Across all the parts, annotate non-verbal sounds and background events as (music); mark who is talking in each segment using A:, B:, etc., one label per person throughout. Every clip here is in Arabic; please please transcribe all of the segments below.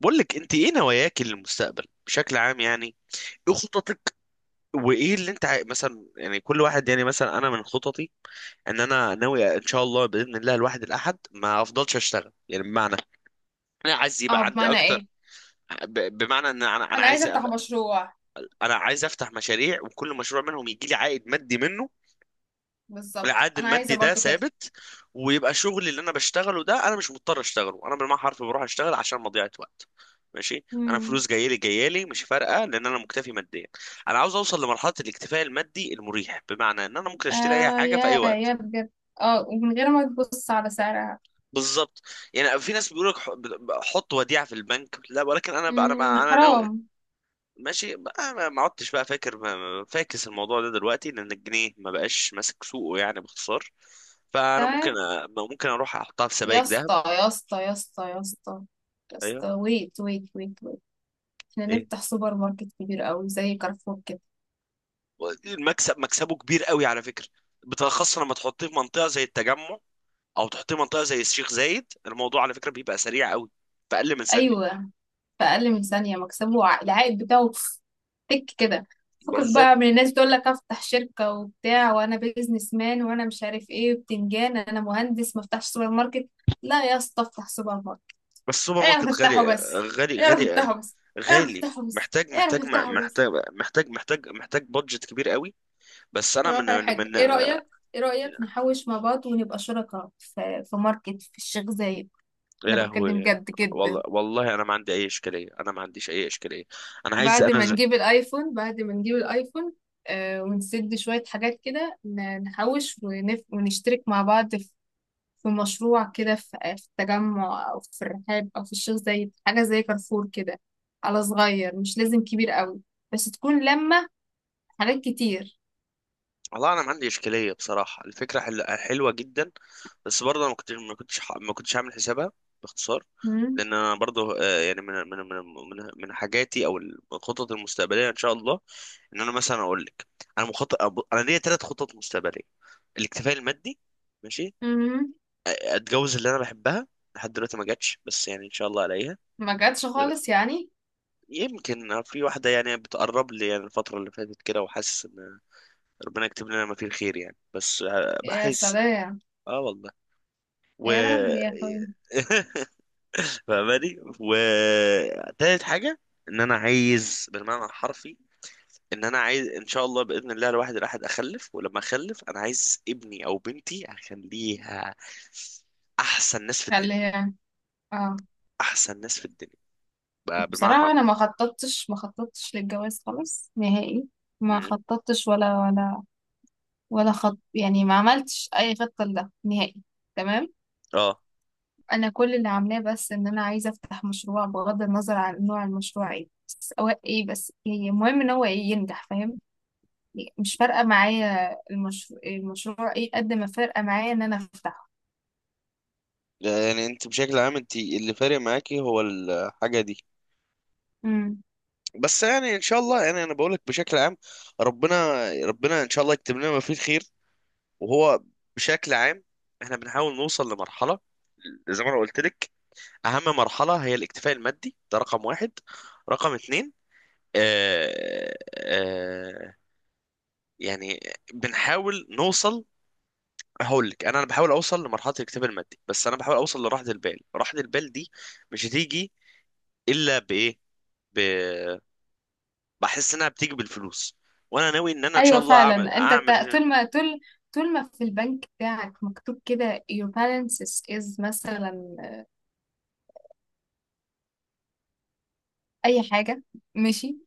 A: بقول لك انت ايه نواياك للمستقبل بشكل عام؟ يعني ايه خططك؟ وايه اللي انت مثلا، يعني كل واحد، يعني مثلا انا من خططي ان انا ناوي ان شاء الله باذن الله الواحد الاحد ما افضلش اشتغل، يعني بمعنى انا عايز
B: اه،
A: يبقى عندي
B: بمعنى
A: اكتر.
B: ايه؟
A: بمعنى ان انا
B: انا عايزه
A: عايز
B: افتح
A: ابقى.
B: مشروع.
A: انا عايز افتح مشاريع، وكل مشروع منهم يجي لي عائد مادي منه.
B: بالظبط،
A: العائد
B: انا عايزه
A: المادي ده
B: برضو كده.
A: ثابت، ويبقى شغلي اللي انا بشتغله ده انا مش مضطر اشتغله، انا بالمعنى حرفي بروح اشتغل عشان مضيعة وقت. ماشي، انا
B: امم.
A: فلوس جايه لي جايه لي مش فارقه لان انا مكتفي ماديا. انا عاوز اوصل لمرحله الاكتفاء المادي المريح، بمعنى ان انا ممكن اشتري اي
B: آه،
A: حاجه في اي
B: يا
A: وقت.
B: يا بجد. اه، ومن غير ما تبص على سعرها.
A: بالظبط. يعني في ناس بيقول لك حط وديعه في البنك، لا، ولكن انا ب- انا ب-
B: امم،
A: انا ناوي.
B: حرام.
A: ماشي بقى، ما عدتش بقى فاكر فاكس الموضوع ده دلوقتي، لان الجنيه ما بقاش ماسك سوقه، يعني باختصار. فانا ممكن
B: تمام.
A: ممكن اروح احطها في
B: يا
A: سبائك ذهب.
B: اسطى يا اسطى يا اسطى يا اسطى يا
A: ايوه.
B: اسطى، ويت ويت ويت ويت، احنا
A: ايه.
B: نفتح سوبر ماركت كبير قوي زي كارفور كده؟
A: المكسب مكسبه كبير قوي على فكره، بالاخص لما تحطيه في منطقه زي التجمع، او تحطيه في منطقه زي الشيخ زايد، الموضوع على فكره بيبقى سريع قوي، في اقل من ثانيه.
B: ايوه. في اقل من ثانيه مكسبه العائد بتاعه تك كده. فكك
A: بالظبط.
B: بقى من الناس تقول لك افتح شركه وبتاع، وانا بيزنس مان وانا مش عارف ايه وبتنجان. انا مهندس، ما افتحش سوبر ماركت؟ لا يا اسطى، افتح سوبر ماركت.
A: بس السوبر
B: اعرف
A: ماركت
B: افتحه
A: غالي،
B: بس،
A: غالي،
B: اعرف
A: غالي،
B: افتحه بس، اعرف
A: غالي.
B: افتحه بس،
A: محتاج،
B: اعرف
A: محتاج،
B: افتحه بس.
A: محتاج، محتاج، محتاج، محتاج بادجت كبير قوي. بس انا
B: أقول
A: من
B: لك على حاجه،
A: من
B: ايه رايك؟ ايه رايك نحوش مع بعض ونبقى شركاء في ماركت في الشيخ زايد؟
A: يا
B: انا بتكلم
A: لهوي.
B: جد
A: والله
B: جدا.
A: والله انا ما عندي اي اشكاليه، انا ما عنديش اي اشكاليه. انا عايز
B: بعد
A: انا
B: ما نجيب الايفون، بعد ما نجيب الايفون، آه، ونسد شوية حاجات كده، نحوش ونشترك مع بعض في مشروع كده، في التجمع أو في الرحاب أو في الشيخ زايد، حاجة زي كارفور كده. على صغير، مش لازم كبير قوي، بس تكون لما حاجات كتير.
A: والله انا ما عندي اشكاليه، بصراحه الفكره حلوه جدا. بس برضه انا ما كنتش عامل حسابها، باختصار.
B: مم.
A: لان انا برضه يعني من حاجاتي، او الخطط المستقبليه ان شاء الله، ان انا مثلا اقول لك، انا انا ليا 3 خطط مستقبليه. الاكتفاء المادي. ماشي.
B: مم.
A: اتجوز اللي انا بحبها. لحد دلوقتي ما جاتش، بس يعني ان شاء الله الاقيها.
B: ما جاتش خالص يعني.
A: يمكن في واحدة يعني بتقرب لي، يعني الفترة اللي فاتت كده، وحاسس إن ربنا يكتب لنا ما فيه الخير، يعني بس
B: يا
A: بحس.
B: سلام.
A: اه والله. و
B: يا رب يا اخوي.
A: (laughs) فاهماني. و تالت حاجة. إن أنا عايز بالمعنى الحرفي، إن أنا عايز إن شاء الله بإذن الله الواحد الأحد أخلف، ولما أخلف أنا عايز ابني أو بنتي أخليها أحسن ناس في الدنيا.
B: خليها. اه.
A: أحسن ناس في الدنيا، بقى بالمعنى
B: بصراحة
A: الحرفي.
B: أنا ما خططتش للجواز خالص نهائي. ما
A: مم.
B: خططتش ولا خط، يعني ما عملتش أي خطة لده نهائي. تمام.
A: اه.
B: أنا كل اللي عاملاه بس إن أنا عايزة أفتح مشروع، بغض النظر عن نوع المشروع إيه، بس هو إيه، بس هي، المهم إن هو إيه ينجح، فاهم؟ يعني مش فارقة معايا المشروع إيه، قد ما فارقة معايا إن أنا أفتحه.
A: يعني انت بشكل عام، انت اللي فارق معاكي هو الحاجة دي.
B: امم.
A: بس يعني ان شاء الله، يعني انا بقول لك بشكل عام، ربنا ربنا ان شاء الله يكتب لنا ما فيه الخير. وهو بشكل عام احنا بنحاول نوصل لمرحله، زي ما انا قلت لك اهم مرحله هي الاكتفاء المادي، ده رقم واحد، رقم اتنين آه آه يعني بنحاول نوصل. هقول لك، انا بحاول اوصل لمرحله الاكتفاء المادي، بس انا بحاول اوصل لراحه البال. راحه البال دي مش هتيجي الا بايه؟ بحس انها بتيجي بالفلوس. وانا ناوي ان انا ان شاء
B: أيوة،
A: الله اعمل
B: فعلا. أنت
A: اعمل
B: طول ما في البنك بتاعك مكتوب كده your balance is، مثلا، اي حاجه، ماشي،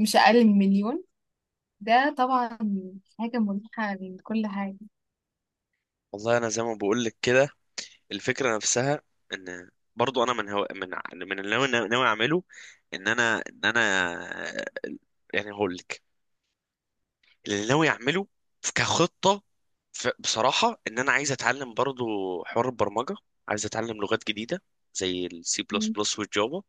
B: مش اقل من مليون، ده طبعا حاجه مريحه من كل حاجه.
A: والله انا زي ما بقول لك كده، الفكره نفسها ان برضو انا من هو من ع- من اللي ناوي اعمله، ان انا يعني هقول لك، اللي ناوي اعمله كخطه، بصراحه ان انا عايز اتعلم برضو حوار البرمجه، عايز اتعلم لغات جديده زي السي بلس
B: مم.
A: بلس والجافا.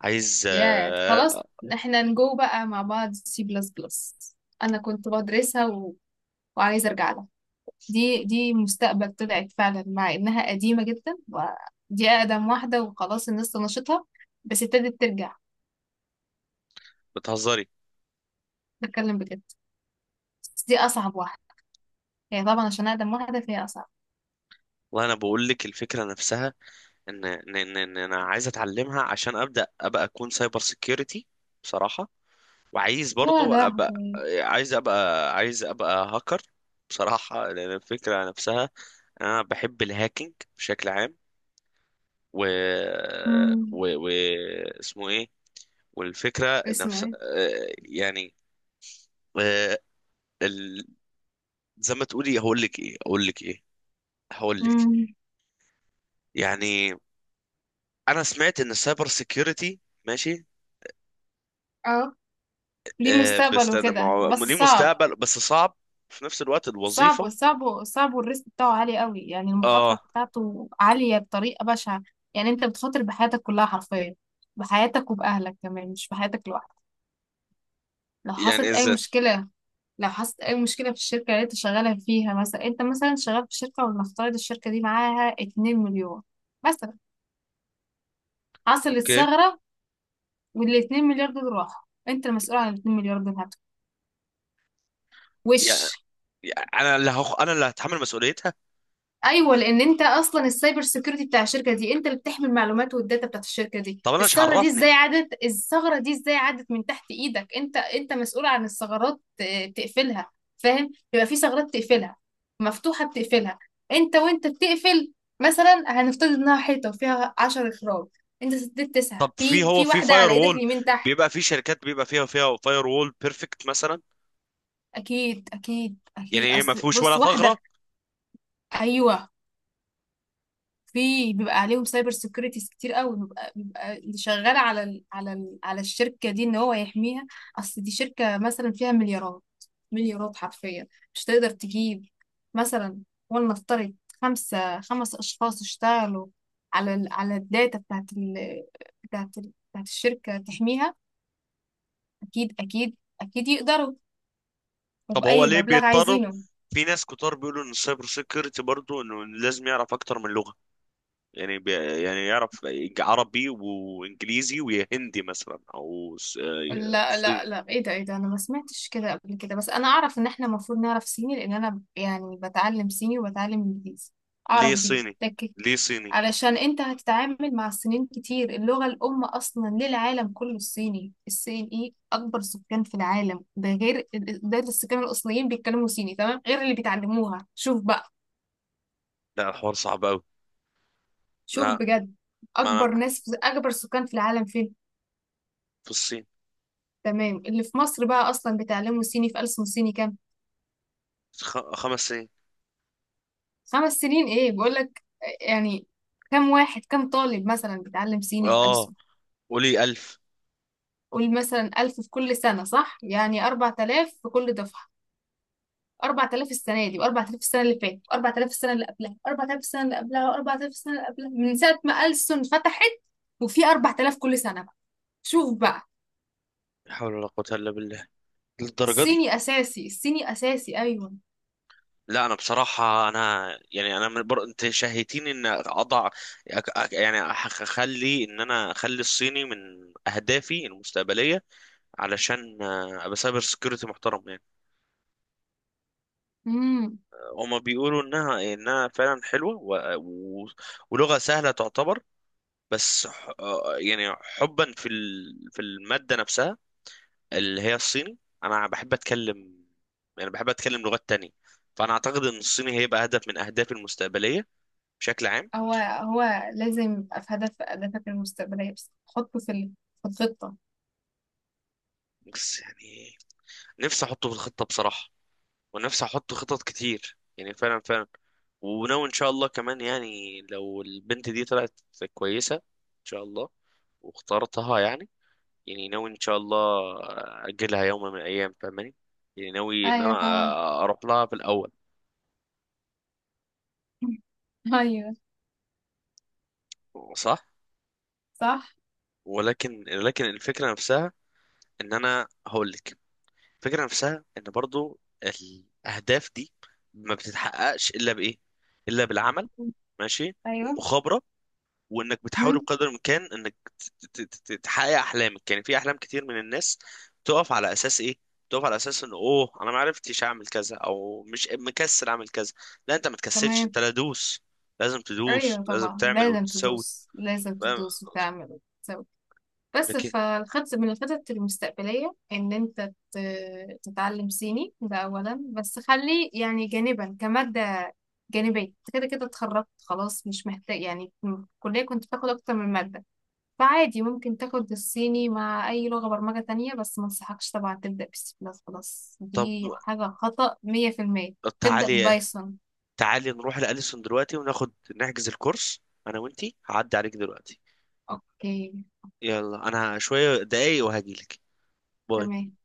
A: عايز
B: يا خلاص، احنا نجو بقى مع بعض سي بلس بلس. انا كنت بدرسها وعايزه ارجع لها. دي مستقبل طلعت فعلا، مع انها قديمه جدا. ودي اقدم واحده، وخلاص الناس طنشتها، بس ابتدت ترجع.
A: بتهزري؟
B: بتكلم بجد. بس دي اصعب واحده، هي طبعا عشان اقدم واحده فهي اصعب.
A: والله انا بقول لك الفكره نفسها، ان ان ان إن انا عايز اتعلمها عشان ابدا ابقى اكون سايبر سيكيورتي، بصراحه. وعايز
B: يا
A: برضو ابقى
B: لهوي.
A: عايز ابقى هاكر، بصراحه. لان الفكره نفسها انا بحب الهاكينج بشكل عام. و
B: مم.
A: و, و... اسمه ايه؟ والفكره
B: اسمه
A: نفسها
B: ايه؟
A: يعني آه، ال- زي ما تقولي. هقول لك
B: مم.
A: يعني. انا سمعت ان السايبر سيكيورتي، ماشي
B: اه. ليه مستقبل
A: بيستخدم. ما
B: وكده
A: هو
B: بس
A: ليه
B: صعب.
A: مستقبل بس صعب في نفس الوقت
B: صعب
A: الوظيفة.
B: صعب صعب، والريسك بتاعه عالي قوي، يعني المخاطرة
A: اه.
B: بتاعته عالية بطريقة بشعة. يعني انت بتخاطر بحياتك كلها حرفيا، بحياتك وبأهلك كمان، مش بحياتك لوحدك. لو
A: يعني
B: حصلت أي
A: ازاي؟
B: مشكلة. لو حصلت أي مشكلة في الشركة اللي انت شغالة فيها، مثلا انت مثلا شغال في شركة، ولنفترض الشركة دي معاها 2 مليون، مثلا، حصلت
A: اوكي.
B: ثغرة، وال 2 مليار دول راحوا، انت المسؤول عن ال 2 مليار دول هتوع. وش؟
A: يعني يعني انا اللي انا اللي هتحمل مسؤوليتها.
B: ايوه، لان انت اصلا السايبر سيكيورتي بتاع الشركه دي، انت اللي بتحمي المعلومات والداتا بتاعت الشركه دي.
A: طب انا مش
B: الثغره دي ازاي
A: عرفني.
B: عدت؟ الثغره دي ازاي عدت من تحت ايدك؟ انت مسؤول عن الثغرات، تقفلها. فاهم؟ يبقى في ثغرات تقفلها، مفتوحه بتقفلها، انت وانت بتقفل. مثلا هنفترض انها حيطه فيها 10 اخراج. انت سددت تسعه،
A: طب في،
B: في
A: هو
B: في
A: في
B: واحده
A: فاير
B: على ايدك
A: وول،
B: اليمين تحت.
A: بيبقى في شركات بيبقى فيها فاير وول بيرفكت مثلا.
B: اكيد اكيد
A: يعني
B: اكيد،
A: ايه؟ ما
B: اصل
A: فيهوش
B: بص
A: ولا ثغرة؟
B: واحده. ايوه. في، بيبقى عليهم سايبر سيكيورتيز كتير قوي، بيبقى اللي شغال على الشركه دي ان هو يحميها. اصل دي شركه مثلا فيها مليارات، مليارات حرفيا، مش تقدر تجيب، مثلا، ولنفترض، خمس اشخاص اشتغلوا على الداتا بتاعت الشركه تحميها؟ اكيد اكيد اكيد يقدروا،
A: طب هو
B: وبأي
A: ليه
B: مبلغ
A: بيضطروا؟
B: عايزينه.
A: في ناس كتار بيقولوا ان السايبر سيكيورتي برضه انه لازم يعرف اكتر من لغة. يعني يعني يعرف عربي وانجليزي وهندي مثلا او
B: لا لا
A: صيني.
B: لا، ايه ده؟ ايه ده؟ انا ما سمعتش كده قبل كده. بس انا اعرف ان احنا المفروض نعرف صيني، لان انا يعني بتعلم صيني وبتعلم انجليزي.
A: ليه
B: اعرف دي
A: صيني؟
B: لكن.
A: ليه صيني؟
B: علشان انت هتتعامل مع الصينيين كتير. اللغة الام اصلا للعالم كله الصيني. الصين ايه؟ اكبر سكان في العالم، ده غير، ده السكان الاصليين بيتكلموا صيني تمام، غير اللي بيتعلموها. شوف بقى.
A: لا الحوار صعب قوي.
B: شوف
A: لا.
B: بجد.
A: ما انا
B: اكبر سكان في العالم فين؟
A: في الصين.
B: تمام. اللي في مصر بقى اصلا بيتعلموا صيني في ألسن صيني كام؟
A: خ... 5 سنين.
B: 5 سنين؟ ايه بقول لك، يعني كم طالب مثلا بيتعلم صيني في
A: اه
B: ألسن؟
A: قولي 1000.
B: قول مثلا 1,000 في كل سنة، صح؟ يعني 4,000 في كل دفعة. 4,000 السنة دي، وأربع آلاف السنة اللي فاتت، وأربع آلاف السنة اللي قبلها، وأربع آلاف السنة اللي قبلها، وأربع آلاف السنة اللي قبلها، من ساعة ما ألسن فتحت. وفي 4,000 كل سنة بقى. شوف بقى.
A: لا حول ولا قوة إلا بالله. للدرجة دي؟
B: الصيني أساسي، الصيني أساسي، أيوه.
A: لا أنا بصراحة أنا يعني أنا أنت شهيتيني إن أضع. أخلي إن أنا أخلي الصيني من أهدافي المستقبلية، علشان أبقى سايبر سكيورتي محترم يعني.
B: امم.
A: هما بيقولوا إنها فعلا حلوة، ولغة سهلة تعتبر. بس يعني حبا في في المادة نفسها اللي هي الصيني. انا بحب اتكلم، يعني بحب اتكلم لغات تانية، فانا اعتقد ان الصيني هيبقى هدف من اهدافي المستقبلية بشكل عام.
B: هو لازم يبقى في هدف أهدافك المستقبلية، بس حطه في في الخطة.
A: بس يعني نفسي احطه في الخطة بصراحة، ونفسي احط خطط كتير يعني، فعلا فعلا. وناوي ان شاء الله كمان يعني، لو البنت دي طلعت كويسة ان شاء الله واخترتها يعني ناوي ان شاء الله اجلها يوم من الايام فاهماني، يعني ناوي ان
B: أيوه
A: انا
B: فاهمة.
A: اروح لها في الاول.
B: (laughs) ايوه.
A: صح.
B: صح.
A: ولكن الفكره نفسها ان انا هقول لك الفكره نفسها ان برضو الاهداف دي ما بتتحققش الا بايه؟ الا بالعمل. ماشي،
B: ايوه.
A: والمخابره، وانك بتحاول
B: مهم.
A: بقدر الامكان انك تحقق احلامك، يعني في احلام كتير من الناس تقف على اساس ايه؟ تقف على اساس ان انا ما عرفتش اعمل كذا، او مش مكسل اعمل كذا. لا، انت ما تكسلش،
B: تمام.
A: انت لا، دوس، لازم تدوس،
B: ايوه
A: لازم
B: طبعا،
A: تعمل
B: لازم
A: وتسوي.
B: تدوس، لازم
A: فاهم؟
B: تدوس وتعمل وتسوي. بس
A: لكن
B: فالخطط، من الخطط المستقبلية ان انت تتعلم صيني ده اولا. بس خلي يعني جانبا كمادة جانبية. انت كده كده اتخرجت خلاص، مش محتاج. يعني في الكلية كنت بتاخد اكتر من مادة، فعادي ممكن تاخد الصيني مع اي لغة برمجة تانية. بس ما انصحكش طبعا تبدأ بسي بلس بلس،
A: طب
B: دي حاجة خطأ 100%. تبدأ
A: تعالي،
B: بايثون.
A: تعالي نروح لأليسون دلوقتي وناخد نحجز الكورس. انا وانتي، هعدي عليك دلوقتي.
B: اوكي.
A: يلا، انا شوية دقايق وهجيلك. باي.
B: تمام.